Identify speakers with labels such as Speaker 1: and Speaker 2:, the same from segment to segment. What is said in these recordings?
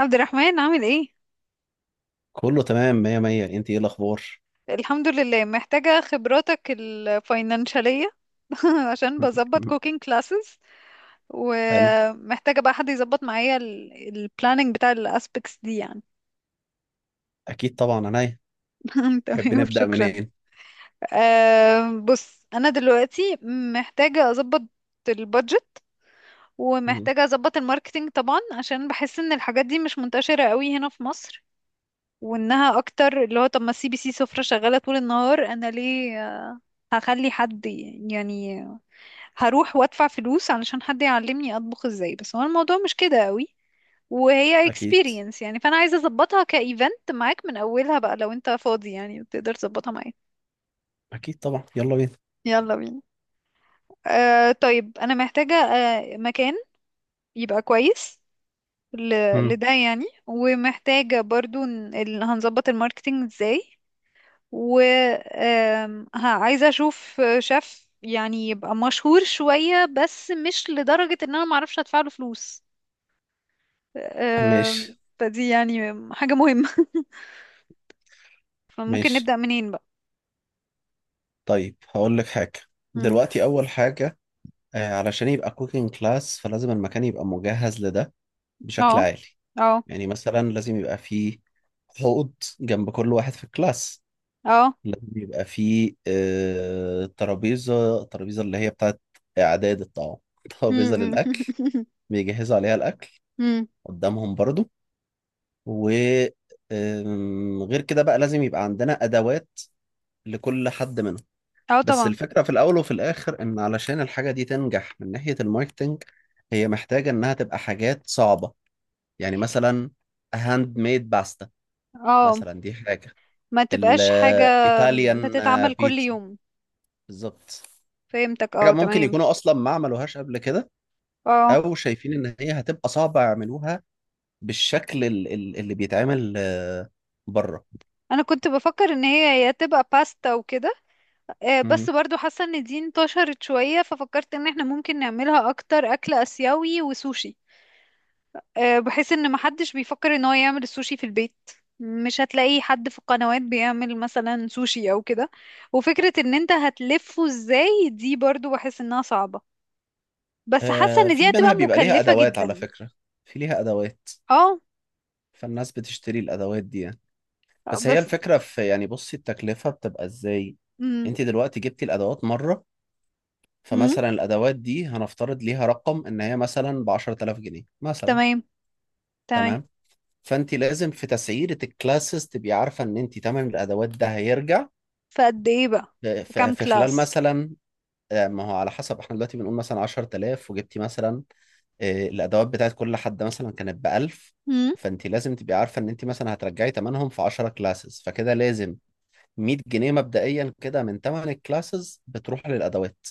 Speaker 1: عبد الرحمن عامل ايه؟
Speaker 2: كله تمام، مية مية. انت ايه الاخبار؟
Speaker 1: الحمد لله، محتاجة خبراتك الفاينانشالية. عشان بظبط كوكينج كلاسز،
Speaker 2: حلو.
Speaker 1: ومحتاجة بقى حد يظبط معايا البلاننج بتاع الاسبكتس دي يعني.
Speaker 2: اكيد طبعا، عينيا. تحب
Speaker 1: تمام،
Speaker 2: نبدأ
Speaker 1: شكرا.
Speaker 2: منين؟
Speaker 1: بص انا دلوقتي محتاجة اظبط البادجت،
Speaker 2: مم.
Speaker 1: ومحتاجة اظبط الماركتينج طبعا، عشان بحس ان الحاجات دي مش منتشرة قوي هنا في مصر، وانها اكتر اللي هو طب ما السي بي سي سفرة شغالة طول النهار، انا ليه هخلي حد يعني هروح وادفع فلوس علشان حد يعلمني اطبخ ازاي؟ بس هو الموضوع مش كده قوي، وهي
Speaker 2: اكيد
Speaker 1: experience يعني، فانا عايزه اظبطها كايفنت معاك من اولها بقى، لو انت فاضي يعني تقدر تظبطها معايا.
Speaker 2: اكيد طبعا، يلا بينا.
Speaker 1: يلا بينا. طيب انا محتاجه مكان يبقى كويس
Speaker 2: مم.
Speaker 1: لده يعني، ومحتاجه برضو هنظبط الماركتينج ازاي، و ها، عايزة أشوف شيف يعني يبقى مشهور شوية بس مش لدرجة إن أنا معرفش أدفع له فلوس.
Speaker 2: ماشي.
Speaker 1: فدي يعني حاجة مهمة. فممكن
Speaker 2: ماشي.
Speaker 1: نبدأ منين بقى؟
Speaker 2: طيب هقول لك حاجة.
Speaker 1: مم.
Speaker 2: دلوقتي اول حاجة، علشان يبقى كوكينج كلاس فلازم المكان يبقى مجهز لده
Speaker 1: اه،
Speaker 2: بشكل عالي.
Speaker 1: اه،
Speaker 2: يعني مثلا لازم يبقى فيه حوض جنب كل واحد في الكلاس.
Speaker 1: اه.
Speaker 2: لازم يبقى فيه ترابيزة، اللي هي بتاعت اعداد الطعام. ترابيزة
Speaker 1: مم.
Speaker 2: للاكل بيجهزوا عليها الأكل
Speaker 1: مم.
Speaker 2: قدامهم برضو. و غير كده بقى لازم يبقى عندنا أدوات لكل حد منهم.
Speaker 1: اه
Speaker 2: بس
Speaker 1: طبعا.
Speaker 2: الفكرة في الأول وفي الآخر إن علشان الحاجة دي تنجح من ناحية الماركتينج، هي محتاجة إنها تبقى حاجات صعبة. يعني مثلا هاند ميد باستا،
Speaker 1: اه،
Speaker 2: مثلا دي حاجة
Speaker 1: ما تبقاش حاجة
Speaker 2: الإيطاليان.
Speaker 1: بتتعمل كل
Speaker 2: بيتزا
Speaker 1: يوم.
Speaker 2: بالظبط.
Speaker 1: فهمتك، اه
Speaker 2: حاجة ممكن
Speaker 1: تمام.
Speaker 2: يكونوا أصلا ما عملوهاش قبل كده،
Speaker 1: اه،
Speaker 2: أو شايفين إن هي هتبقى صعبة يعملوها بالشكل اللي بيتعمل بره.
Speaker 1: انا كنت بفكر ان هي يا تبقى باستا وكده، بس
Speaker 2: مم.
Speaker 1: برضو حاسة ان دي انتشرت شوية، ففكرت ان احنا ممكن نعملها اكتر اكل اسيوي وسوشي، بحيث ان محدش بيفكر ان هو يعمل السوشي في البيت. مش هتلاقي حد في القنوات بيعمل مثلا سوشي او كده، وفكرة ان انت هتلفه ازاي دي برضو بحس انها صعبة، بس حاسة ان دي
Speaker 2: في
Speaker 1: هتبقى
Speaker 2: منها بيبقى ليها
Speaker 1: مكلفة
Speaker 2: أدوات على
Speaker 1: جدا.
Speaker 2: فكرة، في ليها أدوات.
Speaker 1: اه.
Speaker 2: فالناس بتشتري الأدوات دي يعني. بس هي
Speaker 1: بس
Speaker 2: الفكرة في، يعني بصي التكلفة بتبقى إزاي.
Speaker 1: مم.
Speaker 2: أنت دلوقتي جبتي الأدوات مرة،
Speaker 1: مم.
Speaker 2: فمثلا الأدوات دي هنفترض ليها رقم إن هي مثلا ب 10000 جنيه مثلا.
Speaker 1: تمام، تمام.
Speaker 2: تمام. فأنت لازم في تسعيرة الكلاسز تبقي عارفة إن أنت تمن الأدوات ده هيرجع
Speaker 1: فقد ايه بقى؟
Speaker 2: في
Speaker 1: في كام
Speaker 2: في خلال
Speaker 1: كلاس؟
Speaker 2: مثلا. ما هو على حسب، احنا دلوقتي بنقول مثلا 10000، وجبتي مثلا الادوات بتاعت كل حد مثلا كانت ب 1000.
Speaker 1: مم.
Speaker 2: فانت لازم تبقي عارفه ان انت مثلا هترجعي ثمنهم في 10 كلاسز، فكده لازم 100 جنيه مبدئيا كده من ثمن الكلاسز بتروح للادوات.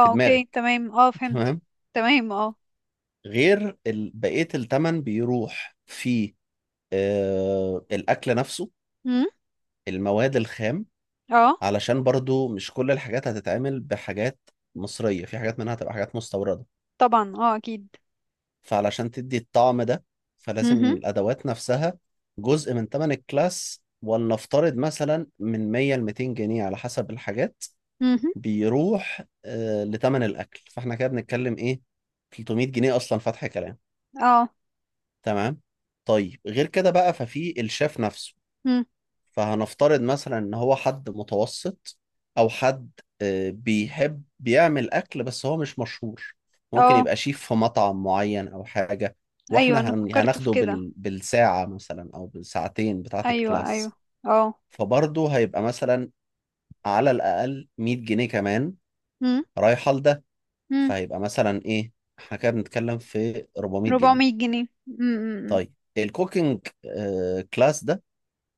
Speaker 2: في
Speaker 1: اوكي،
Speaker 2: دماغك.
Speaker 1: تمام، اه فهمت.
Speaker 2: تمام.
Speaker 1: تمام. اه،
Speaker 2: غير بقيه الثمن بيروح في الاكل نفسه، المواد الخام،
Speaker 1: اه
Speaker 2: علشان برضو مش كل الحاجات هتتعمل بحاجات مصريه، في حاجات منها هتبقى حاجات مستورده،
Speaker 1: طبعا. اه اكيد.
Speaker 2: فعلشان تدي الطعم ده. فلازم إن
Speaker 1: مهم.
Speaker 2: الأدوات نفسها جزء من تمن الكلاس، ولنفترض مثلا من 100 ل 200 جنيه على حسب الحاجات
Speaker 1: مهم.
Speaker 2: بيروح لتمن الأكل. فاحنا كده بنتكلم إيه، 300 جنيه أصلا فتح كلام.
Speaker 1: اه.
Speaker 2: تمام. طيب غير كده بقى، ففي الشيف نفسه.
Speaker 1: مم.
Speaker 2: فهنفترض مثلا ان هو حد متوسط، او حد بيحب بيعمل اكل بس هو مش مشهور، ممكن
Speaker 1: اه،
Speaker 2: يبقى شيف في مطعم معين او حاجة.
Speaker 1: ايوه
Speaker 2: واحنا
Speaker 1: انا فكرت في
Speaker 2: هناخده
Speaker 1: كده.
Speaker 2: بالساعة مثلا او بالساعتين بتاعة
Speaker 1: ايوه، ايوه.
Speaker 2: الكلاس.
Speaker 1: اه.
Speaker 2: فبرضه هيبقى مثلا على الاقل 100 جنيه كمان
Speaker 1: مم.
Speaker 2: رايحة لده.
Speaker 1: مم.
Speaker 2: فهيبقى مثلا ايه، احنا كده بنتكلم في 400 جنيه.
Speaker 1: 400 جنيه. مم. مم. مم.
Speaker 2: طيب الكوكينج كلاس ده،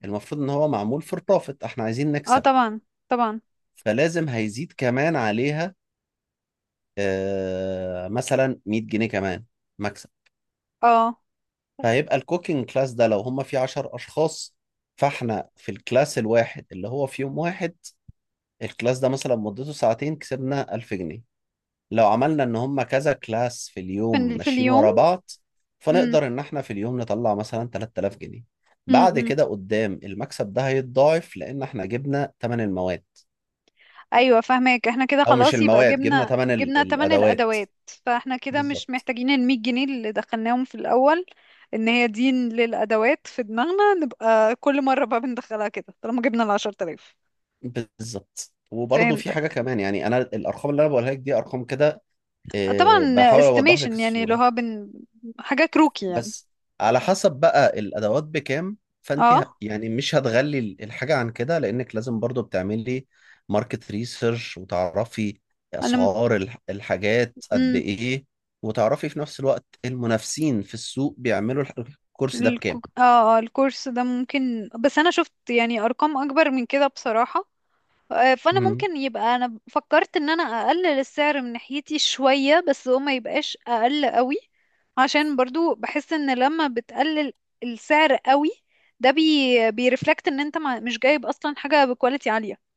Speaker 2: المفروض ان هو معمول فور بروفيت، احنا عايزين
Speaker 1: اه
Speaker 2: نكسب.
Speaker 1: طبعا، طبعا.
Speaker 2: فلازم هيزيد كمان عليها مثلا 100 جنيه كمان مكسب.
Speaker 1: اه،
Speaker 2: فهيبقى الكوكينج كلاس ده لو هم فيه 10 اشخاص، فاحنا في الكلاس الواحد اللي هو في يوم واحد، الكلاس ده مثلا مدته ساعتين، كسبنا 1000 جنيه. لو عملنا ان هم كذا كلاس في اليوم
Speaker 1: في
Speaker 2: ماشيين
Speaker 1: اليوم.
Speaker 2: ورا بعض،
Speaker 1: مم.
Speaker 2: فنقدر ان احنا في اليوم نطلع مثلا 3000 جنيه.
Speaker 1: مم.
Speaker 2: بعد
Speaker 1: مم.
Speaker 2: كده قدام المكسب ده هيتضاعف لان احنا جبنا ثمن المواد،
Speaker 1: ايوه فاهمك، احنا كده
Speaker 2: او مش
Speaker 1: خلاص يبقى
Speaker 2: المواد، جبنا
Speaker 1: جبنا
Speaker 2: ثمن
Speaker 1: جبنا تمن
Speaker 2: الادوات.
Speaker 1: الادوات، فاحنا كده مش
Speaker 2: بالظبط.
Speaker 1: محتاجين ال 100 جنيه اللي دخلناهم في الاول، ان هي دي للادوات في دماغنا، نبقى كل مره بقى بندخلها كده طالما جبنا ال 10000.
Speaker 2: بالظبط وبرضه
Speaker 1: فهمت.
Speaker 2: في حاجة كمان. يعني أنا الأرقام اللي أنا بقولها لك دي أرقام كده،
Speaker 1: طبعا.
Speaker 2: بحاول أوضح لك
Speaker 1: استيميشن يعني اللي
Speaker 2: الصورة.
Speaker 1: هو حاجة كروكي يعني.
Speaker 2: بس على حسب بقى الأدوات بكام، فأنت
Speaker 1: اه
Speaker 2: يعني مش هتغلي الحاجة عن كده، لأنك لازم برضه بتعملي ماركت ريسيرش وتعرفي
Speaker 1: انا م...
Speaker 2: أسعار الحاجات قد
Speaker 1: مم.
Speaker 2: إيه، وتعرفي في نفس الوقت المنافسين في السوق بيعملوا الكورس ده بكام.
Speaker 1: اه، الكورس ده ممكن، بس انا شفت يعني ارقام اكبر من كده بصراحة. فانا ممكن يبقى، انا فكرت ان انا اقلل السعر من ناحيتي شوية بس هو ما يبقاش اقل قوي، عشان برضو بحس ان لما بتقلل السعر قوي ده بيرفلكت ان انت ما... مش جايب اصلا حاجة بكواليتي عالية،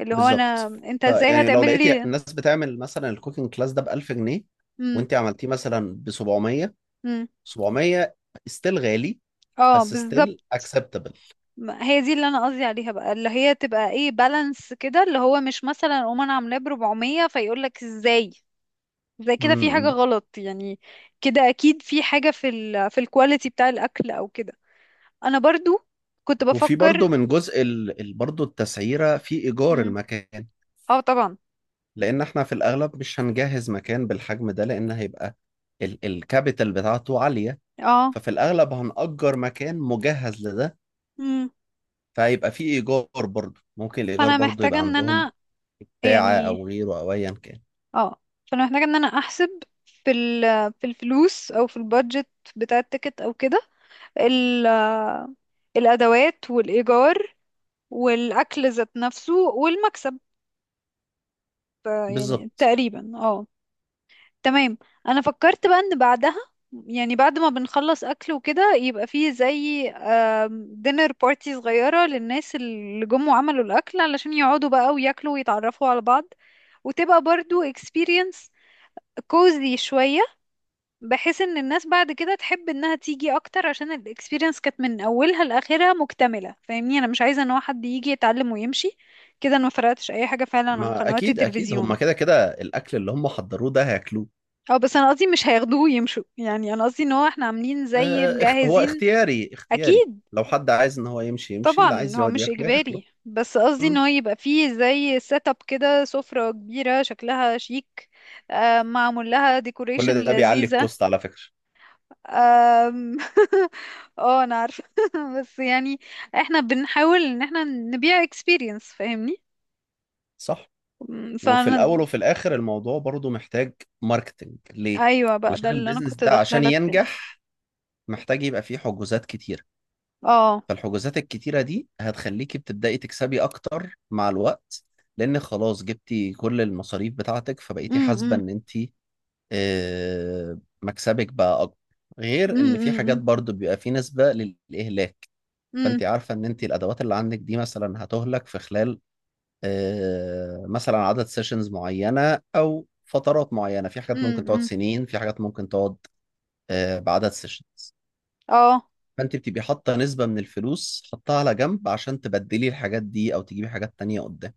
Speaker 1: اللي هو انا
Speaker 2: بالظبط.
Speaker 1: انت ازاي
Speaker 2: فيعني لو
Speaker 1: هتعمل
Speaker 2: لقيتي
Speaker 1: لي.
Speaker 2: الناس بتعمل مثلا الكوكينج كلاس ده ب 1000 جنيه،
Speaker 1: مم.
Speaker 2: وانت عملتيه مثلا ب 700،
Speaker 1: مم.
Speaker 2: 700 ستيل غالي
Speaker 1: اه
Speaker 2: بس ستيل
Speaker 1: بالظبط.
Speaker 2: اكسبتبل.
Speaker 1: هي دي اللي انا قصدي عليها بقى، اللي هي تبقى ايه بالانس كده، اللي هو مش مثلا اقوم انا عاملاه ب 400 فيقول لك ازاي زي كده، في حاجه
Speaker 2: امم.
Speaker 1: غلط يعني. كده اكيد في حاجه في الكواليتي بتاع الاكل او كده. انا برضو كنت
Speaker 2: وفي
Speaker 1: بفكر.
Speaker 2: برضه من جزء برضه التسعيره في ايجار
Speaker 1: مم.
Speaker 2: المكان،
Speaker 1: اه طبعا.
Speaker 2: لان احنا في الاغلب مش هنجهز مكان بالحجم ده لان هيبقى الكابيتال بتاعته عاليه.
Speaker 1: اه.
Speaker 2: ففي الاغلب هنأجر مكان مجهز لده،
Speaker 1: مم.
Speaker 2: فهيبقى في ايجار برضه. ممكن الايجار
Speaker 1: فانا
Speaker 2: برضه
Speaker 1: محتاجه
Speaker 2: يبقى
Speaker 1: ان
Speaker 2: عندهم
Speaker 1: انا
Speaker 2: بتاعه
Speaker 1: يعني،
Speaker 2: او غيره او ايا كان.
Speaker 1: اه، فانا محتاجه ان انا احسب في ال في الفلوس او في البادجت بتاع التيكت او كده، ال الادوات والايجار والأكل ذات نفسه والمكسب. يعني
Speaker 2: بالظبط.
Speaker 1: تقريبا اه. تمام. أنا فكرت بقى إن بعدها يعني بعد ما بنخلص أكل وكده، يبقى فيه زي دينر بارتي صغيرة للناس اللي جم وعملوا الأكل علشان يقعدوا بقى وياكلوا ويتعرفوا على بعض، وتبقى برضو experience كوزي شوية، بحيث ان الناس بعد كده تحب انها تيجي اكتر عشان الاكسبيرينس كانت من اولها لاخرها مكتمله. فاهمني، انا مش عايزه ان هو حد يجي يتعلم ويمشي، كده انا ما فرقتش اي حاجه فعلا عن
Speaker 2: ما
Speaker 1: قنوات
Speaker 2: اكيد اكيد هم
Speaker 1: التلفزيون.
Speaker 2: كده كده الاكل اللي هم حضروه ده هياكلوه.
Speaker 1: او بس انا قصدي مش هياخدوه ويمشوا، يعني انا قصدي ان هو احنا عاملين زي
Speaker 2: هو
Speaker 1: مجهزين.
Speaker 2: اختياري اختياري،
Speaker 1: اكيد
Speaker 2: لو حد عايز ان هو يمشي يمشي، اللي
Speaker 1: طبعا
Speaker 2: عايز
Speaker 1: هو
Speaker 2: يقعد
Speaker 1: مش
Speaker 2: ياكله ياكله.
Speaker 1: اجباري، بس قصدي ان
Speaker 2: مم.
Speaker 1: هو يبقى فيه زي سيت اب كده، سفره كبيره شكلها شيك، معمول لها ديكوريشن
Speaker 2: كل ده بيعلي
Speaker 1: لذيذه.
Speaker 2: الكوست على فكرة.
Speaker 1: أم... اه انا عارفة، بس يعني احنا بنحاول ان احنا نبيع experience، فاهمني.
Speaker 2: صح. وفي
Speaker 1: فانا،
Speaker 2: الاول وفي الاخر الموضوع برضو محتاج ماركتنج ليه.
Speaker 1: ايوه بقى ده
Speaker 2: علشان
Speaker 1: اللي انا
Speaker 2: البيزنس
Speaker 1: كنت
Speaker 2: ده
Speaker 1: داخله
Speaker 2: عشان
Speaker 1: لك فيه.
Speaker 2: ينجح محتاج يبقى فيه حجوزات كتيرة.
Speaker 1: اه.
Speaker 2: فالحجوزات الكتيرة دي هتخليكي بتبدأي تكسبي اكتر مع الوقت، لان خلاص جبتي كل المصاريف بتاعتك، فبقيتي
Speaker 1: امم
Speaker 2: حاسبة
Speaker 1: امم
Speaker 2: ان انت مكسبك بقى اكبر. غير ان في حاجات برضو بيبقى في نسبة للاهلاك.
Speaker 1: امم
Speaker 2: فانت عارفة ان انت الادوات اللي عندك دي مثلا هتهلك في خلال مثلا عدد سيشنز معينة او فترات معينة، في حاجات ممكن تقعد
Speaker 1: امم
Speaker 2: سنين، في حاجات ممكن تقعد بعدد سيشنز.
Speaker 1: اه.
Speaker 2: فانت بتبقي حاطة نسبة من الفلوس حطها على جنب عشان تبدلي الحاجات دي او تجيبي حاجات تانية قدام.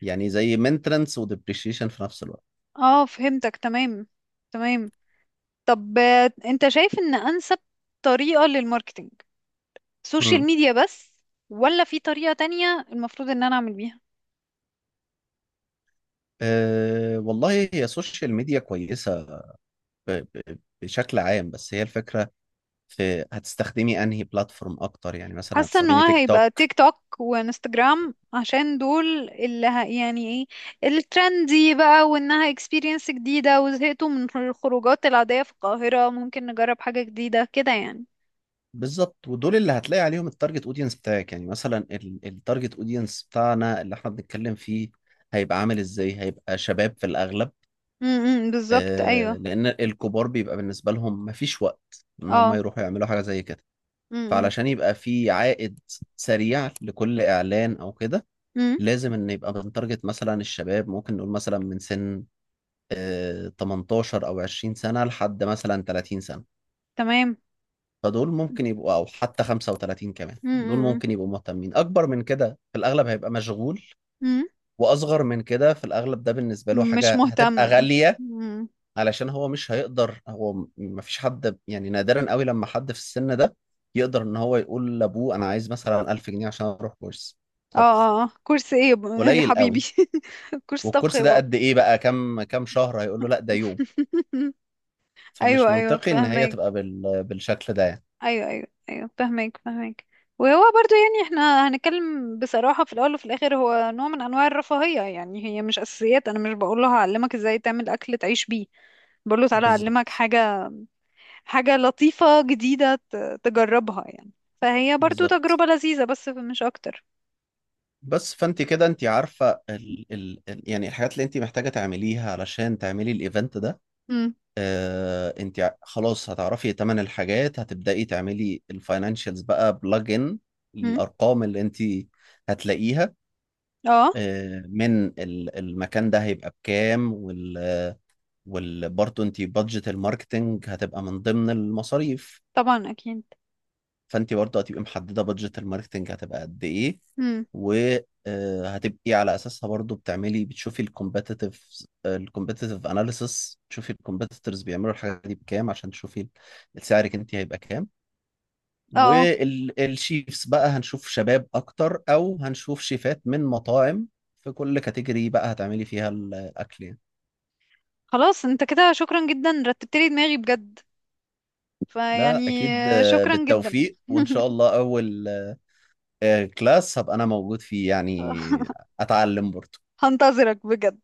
Speaker 2: يعني زي مينترنس وديبريشيشن في نفس الوقت.
Speaker 1: اه فهمتك، تمام، تمام. طب انت شايف ان انسب طريقة للماركتينج سوشيال
Speaker 2: مم.
Speaker 1: ميديا بس ولا في طريقة تانية المفروض ان انا اعمل بيها؟
Speaker 2: أه والله هي سوشيال ميديا كويسة بشكل عام. بس هي الفكرة في هتستخدمي انهي بلاتفورم اكتر. يعني مثلا
Speaker 1: حاسه ان
Speaker 2: هتستخدمي
Speaker 1: هو
Speaker 2: تيك
Speaker 1: هيبقى
Speaker 2: توك.
Speaker 1: تيك توك وانستجرام عشان دول اللي يعني ايه الترندي بقى، وانها اكسبيرينس جديده، وزهقتوا من الخروجات العاديه في القاهره ممكن نجرب حاجه جديده كده يعني.
Speaker 2: بالظبط، ودول اللي هتلاقي عليهم التارجت اودينس بتاعك. يعني مثلا التارجت اودينس بتاعنا اللي احنا بنتكلم فيه هيبقى عامل ازاي، هيبقى شباب في الاغلب.
Speaker 1: امم، بالظبط، ايوه.
Speaker 2: آه لان الكبار بيبقى بالنسبة لهم مفيش وقت ان هم
Speaker 1: اه.
Speaker 2: يروحوا يعملوا حاجة زي كده.
Speaker 1: امم.
Speaker 2: فعلشان يبقى في عائد سريع لكل اعلان او كده،
Speaker 1: امم.
Speaker 2: لازم ان يبقى بنتارجت مثلا الشباب، ممكن نقول مثلا من سن 18 او 20 سنة لحد مثلا 30 سنة.
Speaker 1: تمام.
Speaker 2: فدول ممكن يبقوا، او حتى 35 كمان دول
Speaker 1: امم.
Speaker 2: ممكن يبقوا مهتمين. اكبر من كده في الاغلب هيبقى مشغول،
Speaker 1: امم.
Speaker 2: واصغر من كده في الاغلب ده بالنسبة له
Speaker 1: مش
Speaker 2: حاجة هتبقى
Speaker 1: مهتم.
Speaker 2: غالية.
Speaker 1: امم.
Speaker 2: علشان هو مش هيقدر، هو مفيش حد، يعني نادرا قوي لما حد في السن ده يقدر ان هو يقول لابوه انا عايز مثلا 1000 جنيه عشان اروح كورس
Speaker 1: اه.
Speaker 2: طبخ.
Speaker 1: اه آه. كورس ايه يا يا
Speaker 2: قليل
Speaker 1: حبيبي.
Speaker 2: قوي.
Speaker 1: كورس طبخ
Speaker 2: والكورس
Speaker 1: يا
Speaker 2: ده
Speaker 1: بابا.
Speaker 2: قد ايه بقى، كام كام شهر؟ هيقول له لا ده يوم. فمش
Speaker 1: ايوه، ايوه
Speaker 2: منطقي ان هي
Speaker 1: فاهمك.
Speaker 2: تبقى بالشكل ده يعني.
Speaker 1: ايوه، ايوه، ايوه، فهمك. وهو برضو يعني احنا هنتكلم بصراحة، في الاول وفي الاخر هو نوع من انواع الرفاهية يعني، هي مش اساسيات. انا مش بقول له هعلمك ازاي تعمل اكل تعيش بيه، بقول له تعالى اعلمك
Speaker 2: بالظبط.
Speaker 1: حاجة، حاجة لطيفة جديدة تجربها يعني، فهي برضو
Speaker 2: بالظبط
Speaker 1: تجربة لذيذة بس مش اكتر.
Speaker 2: بس، فانت كده انت عارفه يعني الحاجات اللي انت محتاجه تعمليها علشان تعملي الايفنت ده.
Speaker 1: امم.
Speaker 2: آه، انت خلاص هتعرفي تمن الحاجات، هتبداي تعملي الفاينانشالز بقى بلج ان
Speaker 1: امم.
Speaker 2: الارقام اللي انت هتلاقيها
Speaker 1: اه
Speaker 2: من المكان ده هيبقى بكام، وال وال برضه انت بادجت الماركتنج هتبقى من ضمن المصاريف.
Speaker 1: طبعا. اكيد.
Speaker 2: فانت برضه هتبقي محدده بادجت الماركتنج هتبقى قد ايه،
Speaker 1: امم.
Speaker 2: وهتبقي على اساسها برضه بتعملي، بتشوفي الكومبetitive اناليسس، تشوفي الكومبيتيتورز بيعملوا الحاجه دي بكام عشان تشوفي السعرك انت هيبقى كام.
Speaker 1: اه آه.
Speaker 2: والشيفs بقى هنشوف شباب اكتر او هنشوف شيفات من مطاعم في كل كاتيجوري بقى هتعملي فيها الاكل يعني.
Speaker 1: خلاص انت كده، شكرا جدا، رتبت لي دماغي بجد، فيعني
Speaker 2: لا اكيد،
Speaker 1: شكرا جدا.
Speaker 2: بالتوفيق وان شاء الله اول كلاس هبقى انا موجود فيه يعني، اتعلم برضه.
Speaker 1: هنتظرك بجد.